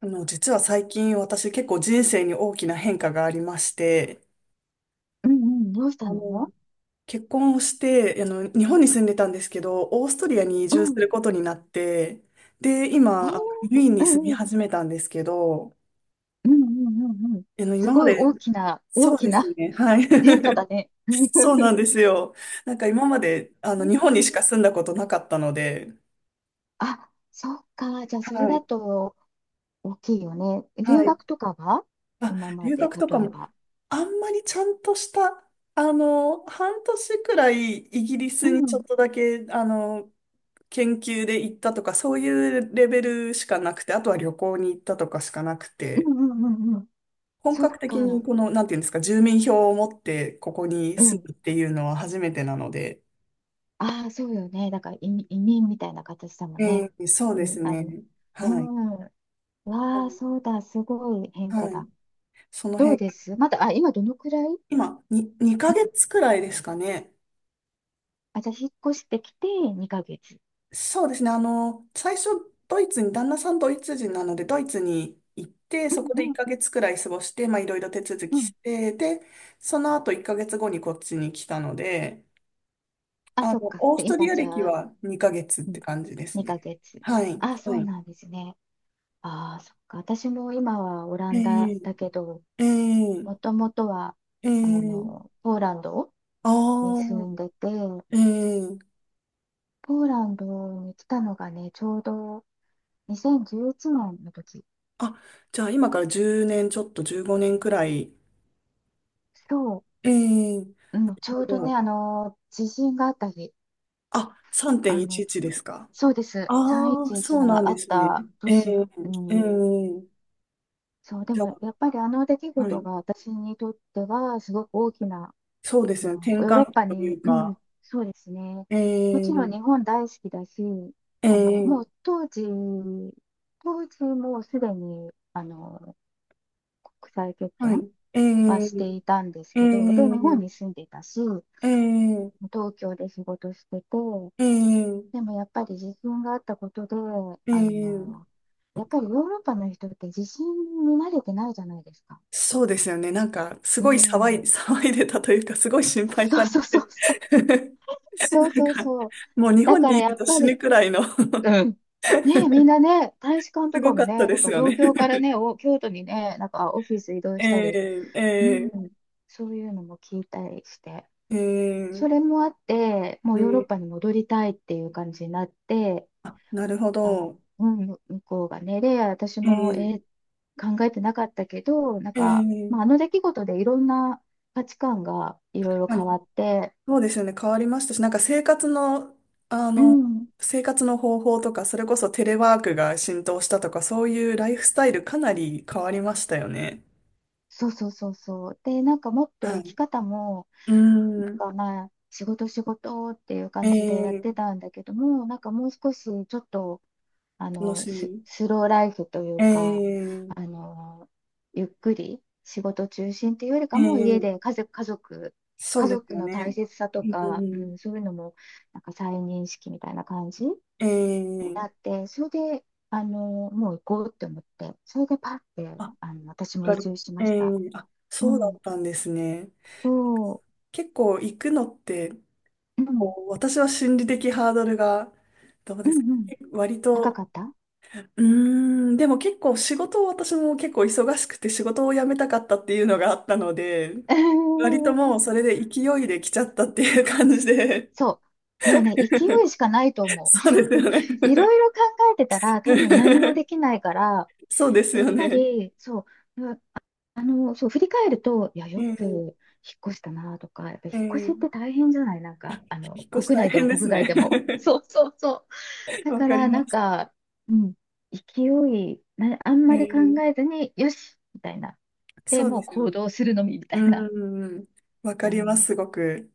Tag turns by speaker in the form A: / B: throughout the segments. A: 実は最近私結構人生に大きな変化がありまして、
B: うんうん、どうした
A: あの、
B: の。
A: 結婚をして、日本に住んでたんですけど、オーストリアに移
B: う
A: 住す
B: ん。
A: ることになって、で、
B: えー、
A: 今、ウィーン
B: う
A: に住
B: ん
A: み
B: うん、
A: 始めたんですけど、
B: うんうんうんうん。す
A: 今ま
B: ごい
A: で、
B: 大きな、大
A: そう
B: き
A: です
B: な
A: ね、はい。
B: 変化だね。
A: そうな んですよ。なんか今まで、
B: う
A: 日本にし
B: ん。
A: か住んだことなかったので、
B: あ、そっか。じゃあ、それ
A: は
B: だ
A: い、
B: と大きいよね。
A: は
B: 留
A: い。
B: 学とかは
A: あ、
B: 今ま
A: 留
B: で、
A: 学とか
B: 例え
A: も
B: ば。
A: あんまりちゃんとした、半年くらいイギリ
B: う
A: スにちょっ
B: ん、
A: とだけ、研究で行ったとか、そういうレベルしかなくて、あとは旅行に行ったとかしかなく
B: う
A: て、
B: んうんうんうん。
A: 本
B: そっ
A: 格的に
B: か。
A: この、なんていうんですか、住民票を持ってここに
B: う
A: 住
B: ん。
A: むっていうのは初めてなので、
B: ああ、そうよね。だから移民みたいな形だもんね。
A: そう
B: う
A: で
B: ん、
A: す
B: あの、
A: ね。
B: う
A: はい。
B: ん。わあ、そうだ。すごい変化
A: はい。
B: だ。
A: その
B: どう
A: 辺、
B: ですまだ、あ、今どのくらい。
A: 今、に、2ヶ月くらいですかね。
B: あ、じゃあ、引っ越してきて2ヶ月。
A: そうですね。最初、ドイツに、旦那さんドイツ人なので、ドイツに行って、
B: う
A: そこで1
B: ん
A: ヶ月くらい過ごして、まあ、いろいろ手続
B: うん
A: き
B: う
A: し
B: ん。
A: て、で、その後1ヶ月後にこっちに来たので、
B: あ、そっか。
A: オース
B: で
A: トリ
B: 今、
A: ア
B: じ
A: 歴
B: ゃあ、
A: は2ヶ月っ
B: う
A: て
B: ん、
A: 感じです
B: 2
A: ね。
B: ヶ月。
A: はい。
B: あ、そ
A: は
B: う
A: い。
B: なんですね。ああ、そっか。私も今はオラ
A: え
B: ンダだけど、
A: えええ
B: もともとは、
A: え
B: あ
A: ー、
B: の、ポーランド
A: あ
B: に住ん
A: あ、
B: でて、ポ
A: ええ、
B: ーランドに来たのがね、ちょうど2011年の時。
A: あ、じゃあ今から10年、ちょっと15年くらい。
B: そ
A: ええ、
B: う、う
A: な
B: ん、
A: る
B: ちょ
A: ほ
B: うど
A: ど。
B: ね、あの、地震があった日、
A: あ、
B: あの、
A: 3.11で
B: つ
A: すか。
B: そうです、
A: ああ、
B: 311
A: そうなん
B: があ
A: で
B: っ
A: すね。
B: た
A: え
B: 年、
A: え、
B: う
A: え
B: ん、
A: え、
B: そう、で
A: じゃ
B: もやっぱりあの出来
A: あ、は
B: 事
A: い。
B: が私にとってはすごく大きな、
A: そうで
B: そ
A: すね。
B: の
A: 転
B: ヨーロッ
A: 換期
B: パ
A: とい
B: に、
A: う
B: うん、
A: か、
B: そうですね、
A: え
B: もちろん
A: え、
B: 日本大好きだし、
A: え
B: あのも
A: え、
B: う当時、当時もうすでにあの国際結
A: は
B: 婚
A: い。え
B: はして
A: え、
B: いたんです
A: え
B: けど、で、日本
A: え、
B: に住んでいたし、
A: ええ、
B: 東京で仕事してて、
A: ええ、
B: でもやっぱり自震があったことで、
A: え
B: あ
A: え、
B: のやっぱりヨーロッパの人って自信に慣れてないじゃないですか。
A: そうですよね。なんか、す
B: う
A: ごい
B: ん、
A: 騒いでたというか、すごい心配
B: そ
A: さ
B: う
A: れ
B: そうそう
A: て。
B: そう。そ
A: な
B: う
A: ん
B: そう
A: か、
B: そう。
A: もう日
B: だ
A: 本
B: か
A: に
B: ら
A: いる
B: や
A: と
B: っぱ
A: 死
B: り、
A: ぬくらいの
B: うん。ねえ、みんなね、大使館
A: す
B: と
A: ご
B: か
A: か
B: も
A: った
B: ね、
A: で
B: なん
A: す
B: か
A: よ
B: 東
A: ね。
B: 京からね、お、京都にね、なんかオフィス移 動した
A: え
B: り、
A: え、
B: うん、
A: え
B: そういうのも聞いたりして、
A: え、え
B: それ
A: え、
B: もあって、も
A: う
B: うヨーロッ
A: ん、
B: パに戻りたいっていう感じになって、
A: あ、なるほ
B: あ、
A: ど。
B: うん、向こうがね、で、私
A: え
B: も、
A: え、
B: 考えてなかったけど、なん
A: え
B: か、
A: え、
B: まあ、あの出来事でいろんな価値観がいろいろ
A: あ、
B: 変わって、
A: そうですよね。変わりましたし、なんかあ
B: う
A: の、
B: ん、
A: 生活の方法とか、それこそテレワークが浸透したとか、そういうライフスタイルかなり変わりましたよね。
B: そうそうそうそう。で、なんかもっと
A: は
B: 生
A: い。
B: き方も、
A: うーん、
B: なんかまあ、仕事仕事っていう
A: え
B: 感じでやって
A: え、
B: たんだけども、なんかもう少しちょっと、あ
A: 楽
B: の、
A: しみ。
B: スローライフとい
A: え
B: うか、
A: え、
B: あの、ゆっくり仕事中心っていうより
A: え
B: かも、家で
A: え、
B: 家族、家族、
A: そう
B: 家
A: です
B: 族
A: よ
B: の大
A: ね。
B: 切さと
A: う
B: か、う
A: ん、
B: ん、そういうのも、なんか再認識みたいな感じに
A: ええ、
B: なって、それで、あの、もう行こうって思って、それでパッて、
A: あ、や
B: あの、私
A: っ
B: も
A: ぱ
B: 移
A: り、
B: 住しま
A: え
B: し
A: え、
B: た。
A: あ、
B: う
A: そうだ
B: ん。
A: ったんですね。
B: そ
A: 結構行くのって、
B: う、うん、
A: こう私は心理的ハードルが、どう
B: う
A: ですか
B: んうん、
A: 割
B: 高
A: と、
B: かった。う
A: うーん、でも結構仕事を私も結構忙しくて仕事を辞めたかったっていうのがあったので、
B: ー
A: 割と
B: ん。
A: もうそれで勢いで来ちゃったっていう感じで、
B: そう、もうね、勢 いしかないと思
A: そうです
B: う。
A: よね。
B: いろいろ考えてたら、多分何もでき ないから、
A: そうです
B: や
A: よ
B: っぱ
A: ね。
B: り、そう、ま、あ、あの、そう、振り返ると、いや、
A: え
B: よく引っ
A: え
B: 越したなとか、やっぱ引
A: え
B: っ越しって
A: え、
B: 大変じゃないなんか、あ
A: 引
B: の、
A: っ越し
B: 国
A: 大
B: 内でも
A: 変で
B: 国
A: す
B: 外
A: ね。
B: でも。そうそうそう。だ
A: わ
B: か
A: かり
B: ら、な
A: ま
B: ん
A: す。
B: か、うん、勢い、あんまり考
A: ええ、
B: えずに、よしみたいな。で、
A: そう
B: も
A: で
B: う
A: すよ
B: 行
A: ね。
B: 動するのみ、みた
A: う
B: いな。
A: ん。わか
B: う
A: りま
B: ん。
A: す、すごく。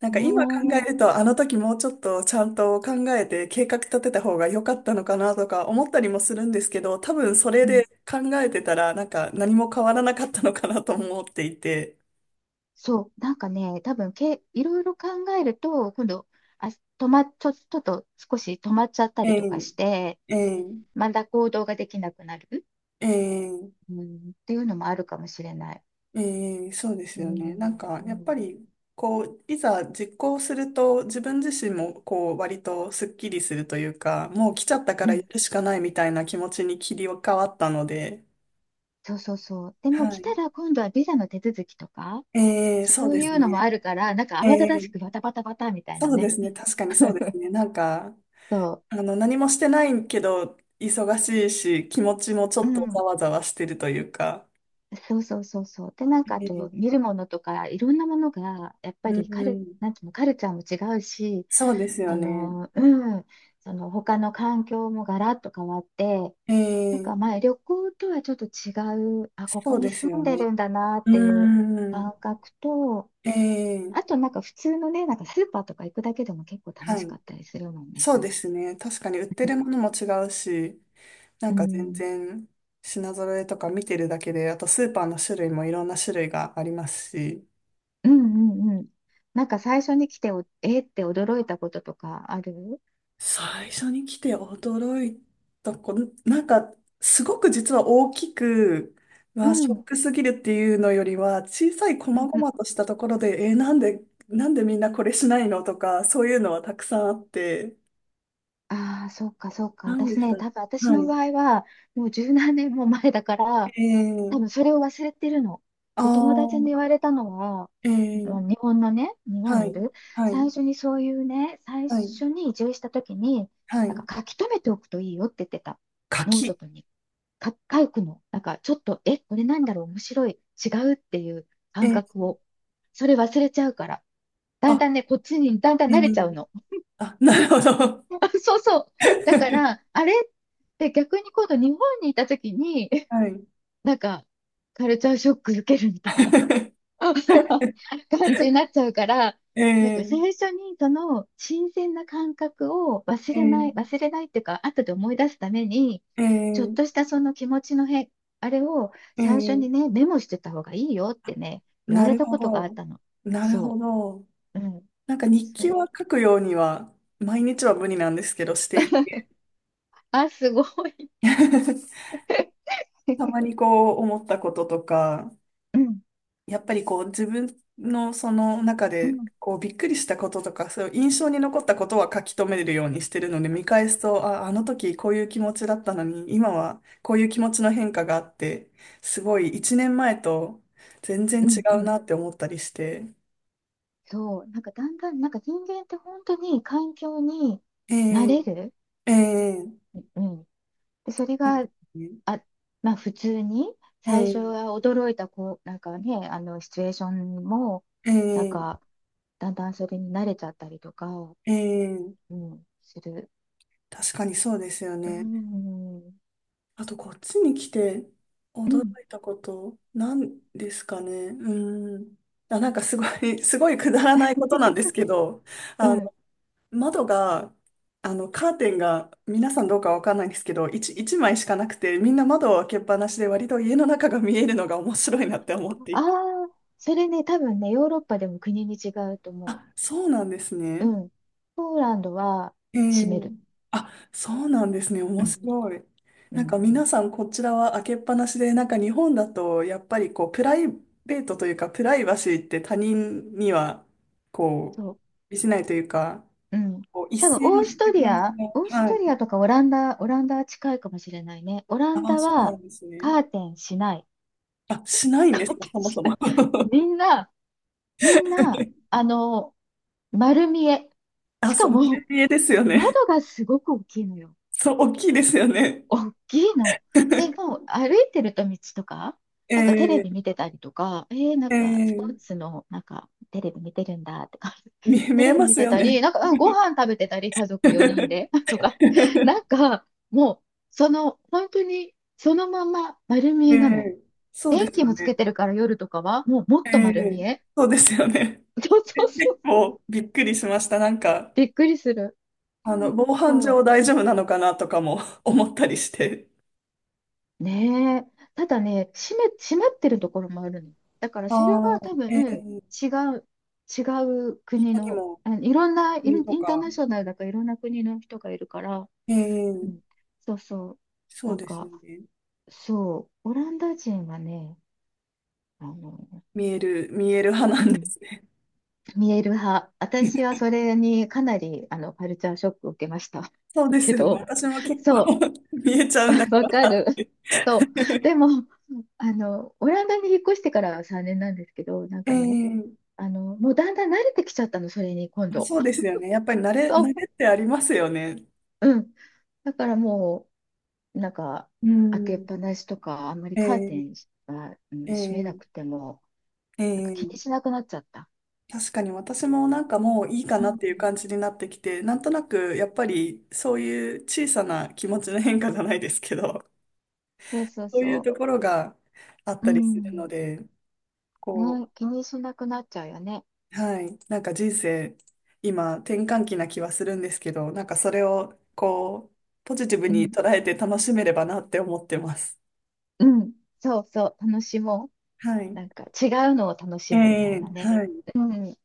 A: なんか今考え
B: ね
A: ると、あの時もうちょっとちゃんと考えて計画立てた方が良かったのかなとか思ったりもするんですけど、多分それ
B: え。うん。
A: で考えてたら、なんか何も変わらなかったのかなと思っていて。
B: そう。なんかね、多分け、いろいろ考えると、今度、あ、止ま、ちょ、ちょっと少し止まっちゃった
A: え
B: りとか
A: え、
B: して、
A: ええ、
B: まだ行動ができなくなる、
A: ええ。
B: うん、っていうのもあるかもしれない。
A: ええ、そうで
B: う
A: すよ
B: ん。
A: ね。なんか、
B: う
A: やっぱ
B: ん。
A: り、こう、いざ実行すると、自分自身も、こう、割とスッキリするというか、もう来ちゃったか
B: う
A: らや
B: ん。
A: るしかないみたいな気持ちに切り替わったので、
B: そうそうそう。でも
A: は
B: 来
A: い。
B: たら今度はビザの手続きとか、
A: ええ、そう
B: そう
A: で
B: い
A: す
B: うのも
A: ね。
B: あるから、なんか
A: え
B: 慌ただし
A: え、
B: くバタバタバタみたいな
A: そうで
B: ね。
A: すね。確かにそうですね。なんか、
B: そ
A: 何もしてないけど、忙しいし、気持ちもち
B: う。う
A: ょっとざ
B: ん。
A: わざわしてるというか、
B: そうそうそうそう。で、なんかあ
A: ええ、
B: と見るものとかいろんなものがやっぱ
A: う
B: り
A: ん、
B: なんていうの、カルチャーも違うし、
A: そうですよ
B: そ
A: ね。
B: の、うん、その他の環境もガラッと変わって、
A: え
B: なん
A: え、
B: かまあ旅行とはちょっと違う、あ、ここ
A: そう
B: に
A: です
B: 住
A: よ
B: んで
A: ね。
B: るんだなっ
A: う
B: ていう
A: ーん。
B: 感覚と、
A: え
B: あ
A: え、
B: となんか普通のね、なんかスーパーとか行くだけでも結構楽
A: は
B: しか
A: い。
B: ったりするもんね、
A: そう
B: 最
A: で
B: 初。
A: すね。確かに売って るものも違うし、な
B: う
A: んか全
B: ん、
A: 然品揃えとか見てるだけで、あとスーパーの種類もいろんな種類がありますし、
B: うんうんうん。なんか最初に来てお、えーって驚いたこととかある。
A: 最初に来て驚いたこの、なんかすごく実は大きく、う
B: う
A: わ、シ
B: ん。
A: ョッ
B: う
A: クすぎるっていうのよりは、小さい細
B: んうん。
A: 々としたところで、なんで、なんでみんなこれしないのとか、そういうのはたくさんあって、
B: ああ、そうか。
A: なんで
B: 私
A: す
B: ね、
A: かね。
B: 多分私
A: は
B: の
A: い。
B: 場合は、もう十何年も前だから、
A: え
B: 多
A: え、
B: 分それを忘れてるの。
A: あ
B: で、友達に言
A: あ、
B: われたのは、
A: ええ、
B: 日本
A: は
B: にい
A: い、
B: る、
A: は
B: 最
A: い、
B: 初にそういうね、最
A: はい、
B: 初に移住した時に、
A: は
B: なん
A: い。
B: か書き留めておくといいよって言ってた。ノート
A: 柿。
B: とにか書くの。なんかちょっと、え、これなんだろう、面白い、違うっていう
A: え
B: 感
A: え、
B: 覚を。それ忘れちゃうから。だん
A: あ、
B: だんね、こっちにだんだ
A: え
B: ん慣れちゃうの。
A: え、あ、なるほど。
B: あそうそう。だか ら、あれって逆に今度日本にいた時に、
A: はい。
B: なんか、カルチャーショック受けるみたいな 感じになっちゃうから、なんか最
A: ええ
B: 初にその新鮮な感覚を忘
A: ええ
B: れないっていうか、後で思い出すために、ちょっ
A: え
B: とし
A: え
B: たその気持ちの変、あれを最初に
A: ええ、
B: ね、メモしてた方がいいよってね、言わ
A: な
B: れ
A: る
B: た
A: ほ
B: ことがあっ
A: ど。
B: たの。
A: なるほ
B: そ
A: ど。
B: う。うん。
A: なんか日
B: そ
A: 記は
B: れ、
A: 書くようには、毎日は無理なんですけど、していて。
B: あ、すごい。
A: たま にこう思ったこととか、
B: うん。
A: やっぱりこう自分のその中
B: う
A: で
B: ん
A: こうびっくりしたこととか、そういう印象に残ったことは書き留めるようにしてるので、見返すと、あ、あの時こういう気持ちだったのに、今はこういう気持ちの変化があって、すごい一年前と全然
B: う
A: 違
B: んう
A: う
B: ん。
A: なって思ったりして。
B: そう。なんかだんだん、なんか人間って本当に環境に慣
A: え
B: れる。
A: え、ええ、
B: うん。で、それ
A: そうで
B: が、
A: すね、
B: あ、まあ普通に、最初
A: え
B: は驚いたこう、なんかね、あの、シチュエーションも、
A: え、
B: なん
A: ええ、
B: か、だんだんそれに慣れちゃったりとか、
A: ええ、
B: うん、する。
A: 確かにそうですよ
B: う
A: ね。
B: ん。
A: あと、こっちに来て
B: う
A: 驚
B: ん。
A: いたこと、なんですかね。うーん。あ、なんかすごい、すごいくだらないことなんですけど、
B: う
A: あの、
B: ん。
A: 窓が、あの、カーテンが、皆さんどうかわかんないんですけど、一枚しかなくて、みんな窓を開けっぱなしで、割と家の中が見えるのが面白いなって思って
B: あ
A: いて。
B: あ、それね、多分ね、ヨーロッパでも国に違うと思
A: あ、そうなんです
B: う。
A: ね。
B: うん。ポーランドは
A: へ
B: 閉
A: え。
B: める。
A: あ、そうなんですね。
B: う
A: 面
B: ん。
A: 白い。
B: う
A: なんか
B: ん。
A: 皆さんこちらは開けっぱなしで、なんか日本だとやっぱりこうプライベートというかプライバシーって他人にはこ
B: そう。
A: う、しないというか、
B: うん。
A: こう一
B: 多分、
A: 線
B: オ
A: を
B: ース
A: 引
B: ト
A: く
B: リ
A: 感じ
B: ア、オー
A: が。
B: ス
A: は
B: トリア
A: い。
B: とかオランダ、オランダは近いかもしれないね。オラン
A: あ、
B: ダ
A: そうな
B: は
A: んですね。
B: カーテンしない。
A: あ、しないん
B: カ
A: です
B: ー
A: か、
B: テ
A: そ
B: ン
A: も
B: し
A: そ
B: ない。
A: も。
B: みんな、みんな、あの、丸見え。
A: あ、
B: し
A: そ
B: か
A: う、マル
B: も、
A: ピエですよね。
B: 窓がすごく大きいのよ。
A: そう、大きいですよね。
B: 大きいの。で、もう歩いてると道とか、
A: え
B: なんかテレビ
A: ー、
B: 見てたりとか、えー、な
A: え
B: んかスポー
A: ー、
B: ツの、なんかテレビ見てるんだとか、
A: 見
B: テ
A: え
B: レビ
A: ま
B: 見
A: す
B: て
A: よ
B: た
A: ね。
B: り、なんか、うん、ご飯食べてたり、家族4人で とか、なんか、もう、その、本当に、そのまま丸見
A: え
B: えなの。
A: え、そうで
B: 電
A: す
B: 気
A: よ
B: もつ
A: ね。
B: けてるから夜とかは、もうも
A: え
B: っと丸
A: え、
B: 見え。
A: そうですよね。
B: そうそう そ
A: 結
B: う。
A: 構びっくりしました。なんか、
B: びっくりする。うん。
A: 防犯
B: そ
A: 上
B: う。
A: 大丈夫なのかなとかも 思ったりして。
B: ねえ。ただね、閉まってるところもあるの。だから
A: あ
B: それ
A: あ、
B: は多
A: え
B: 分
A: え、
B: 違う、違う国
A: 他に
B: の、
A: も
B: あのいろんな、
A: 国と
B: インター
A: か、
B: ナショナルだからいろんな国の人がいるから、
A: え
B: う
A: え、
B: ん、そうそう。
A: そ
B: な
A: う
B: ん
A: ですよ
B: か、
A: ね。
B: そう、オランダ人はね、あの、
A: 見える、見える派
B: う
A: なんで
B: ん、
A: すね。
B: 見える派。私は それにかなり、あの、カルチャーショックを受けました。
A: そうで す
B: け
A: よね。
B: ど、
A: 私も結
B: そ
A: 構 見えちゃうんだけ
B: う、
A: ど
B: わか
A: なっ
B: る。そう。
A: て。
B: でも、あの、オランダに引っ越してからは3年なんですけど、なん
A: え
B: かね、
A: え、
B: あの、もうだんだん慣れてきちゃったの、それに今
A: あ、
B: 度。
A: そうで すよね。やっぱり慣れ、慣
B: そ
A: れ
B: う
A: ってありますよね。
B: うん。だからもう、なんか、
A: う
B: 開けっ
A: ん。
B: ぱなしとか、あんまり
A: え
B: カーテ
A: え、
B: ンが、うん、
A: え
B: 閉めな
A: え、
B: くても、
A: え
B: なんか気
A: え。
B: にしなくなっちゃった。
A: 確かに私もなんかもういいか
B: う
A: なっ
B: ん。
A: ていう感じになってきて、なんとなくやっぱりそういう小さな気持ちの変化じゃないですけど、
B: そう そう
A: そういう
B: そ
A: ところがあっ
B: う。う
A: たりするの
B: ん。
A: で、
B: ね、
A: こ
B: 気にしなくなっちゃうよね。
A: う、はい、なんか人生、今転換期な気はするんですけど、なんかそれをこう、ポジティブ
B: う
A: に
B: ん。
A: 捉えて楽しめればなって思ってます。
B: うん。そうそう。楽しも
A: は
B: う。
A: い。
B: なんか、違うのを楽
A: え
B: しむみたい
A: え、
B: なね。
A: はい。
B: うん。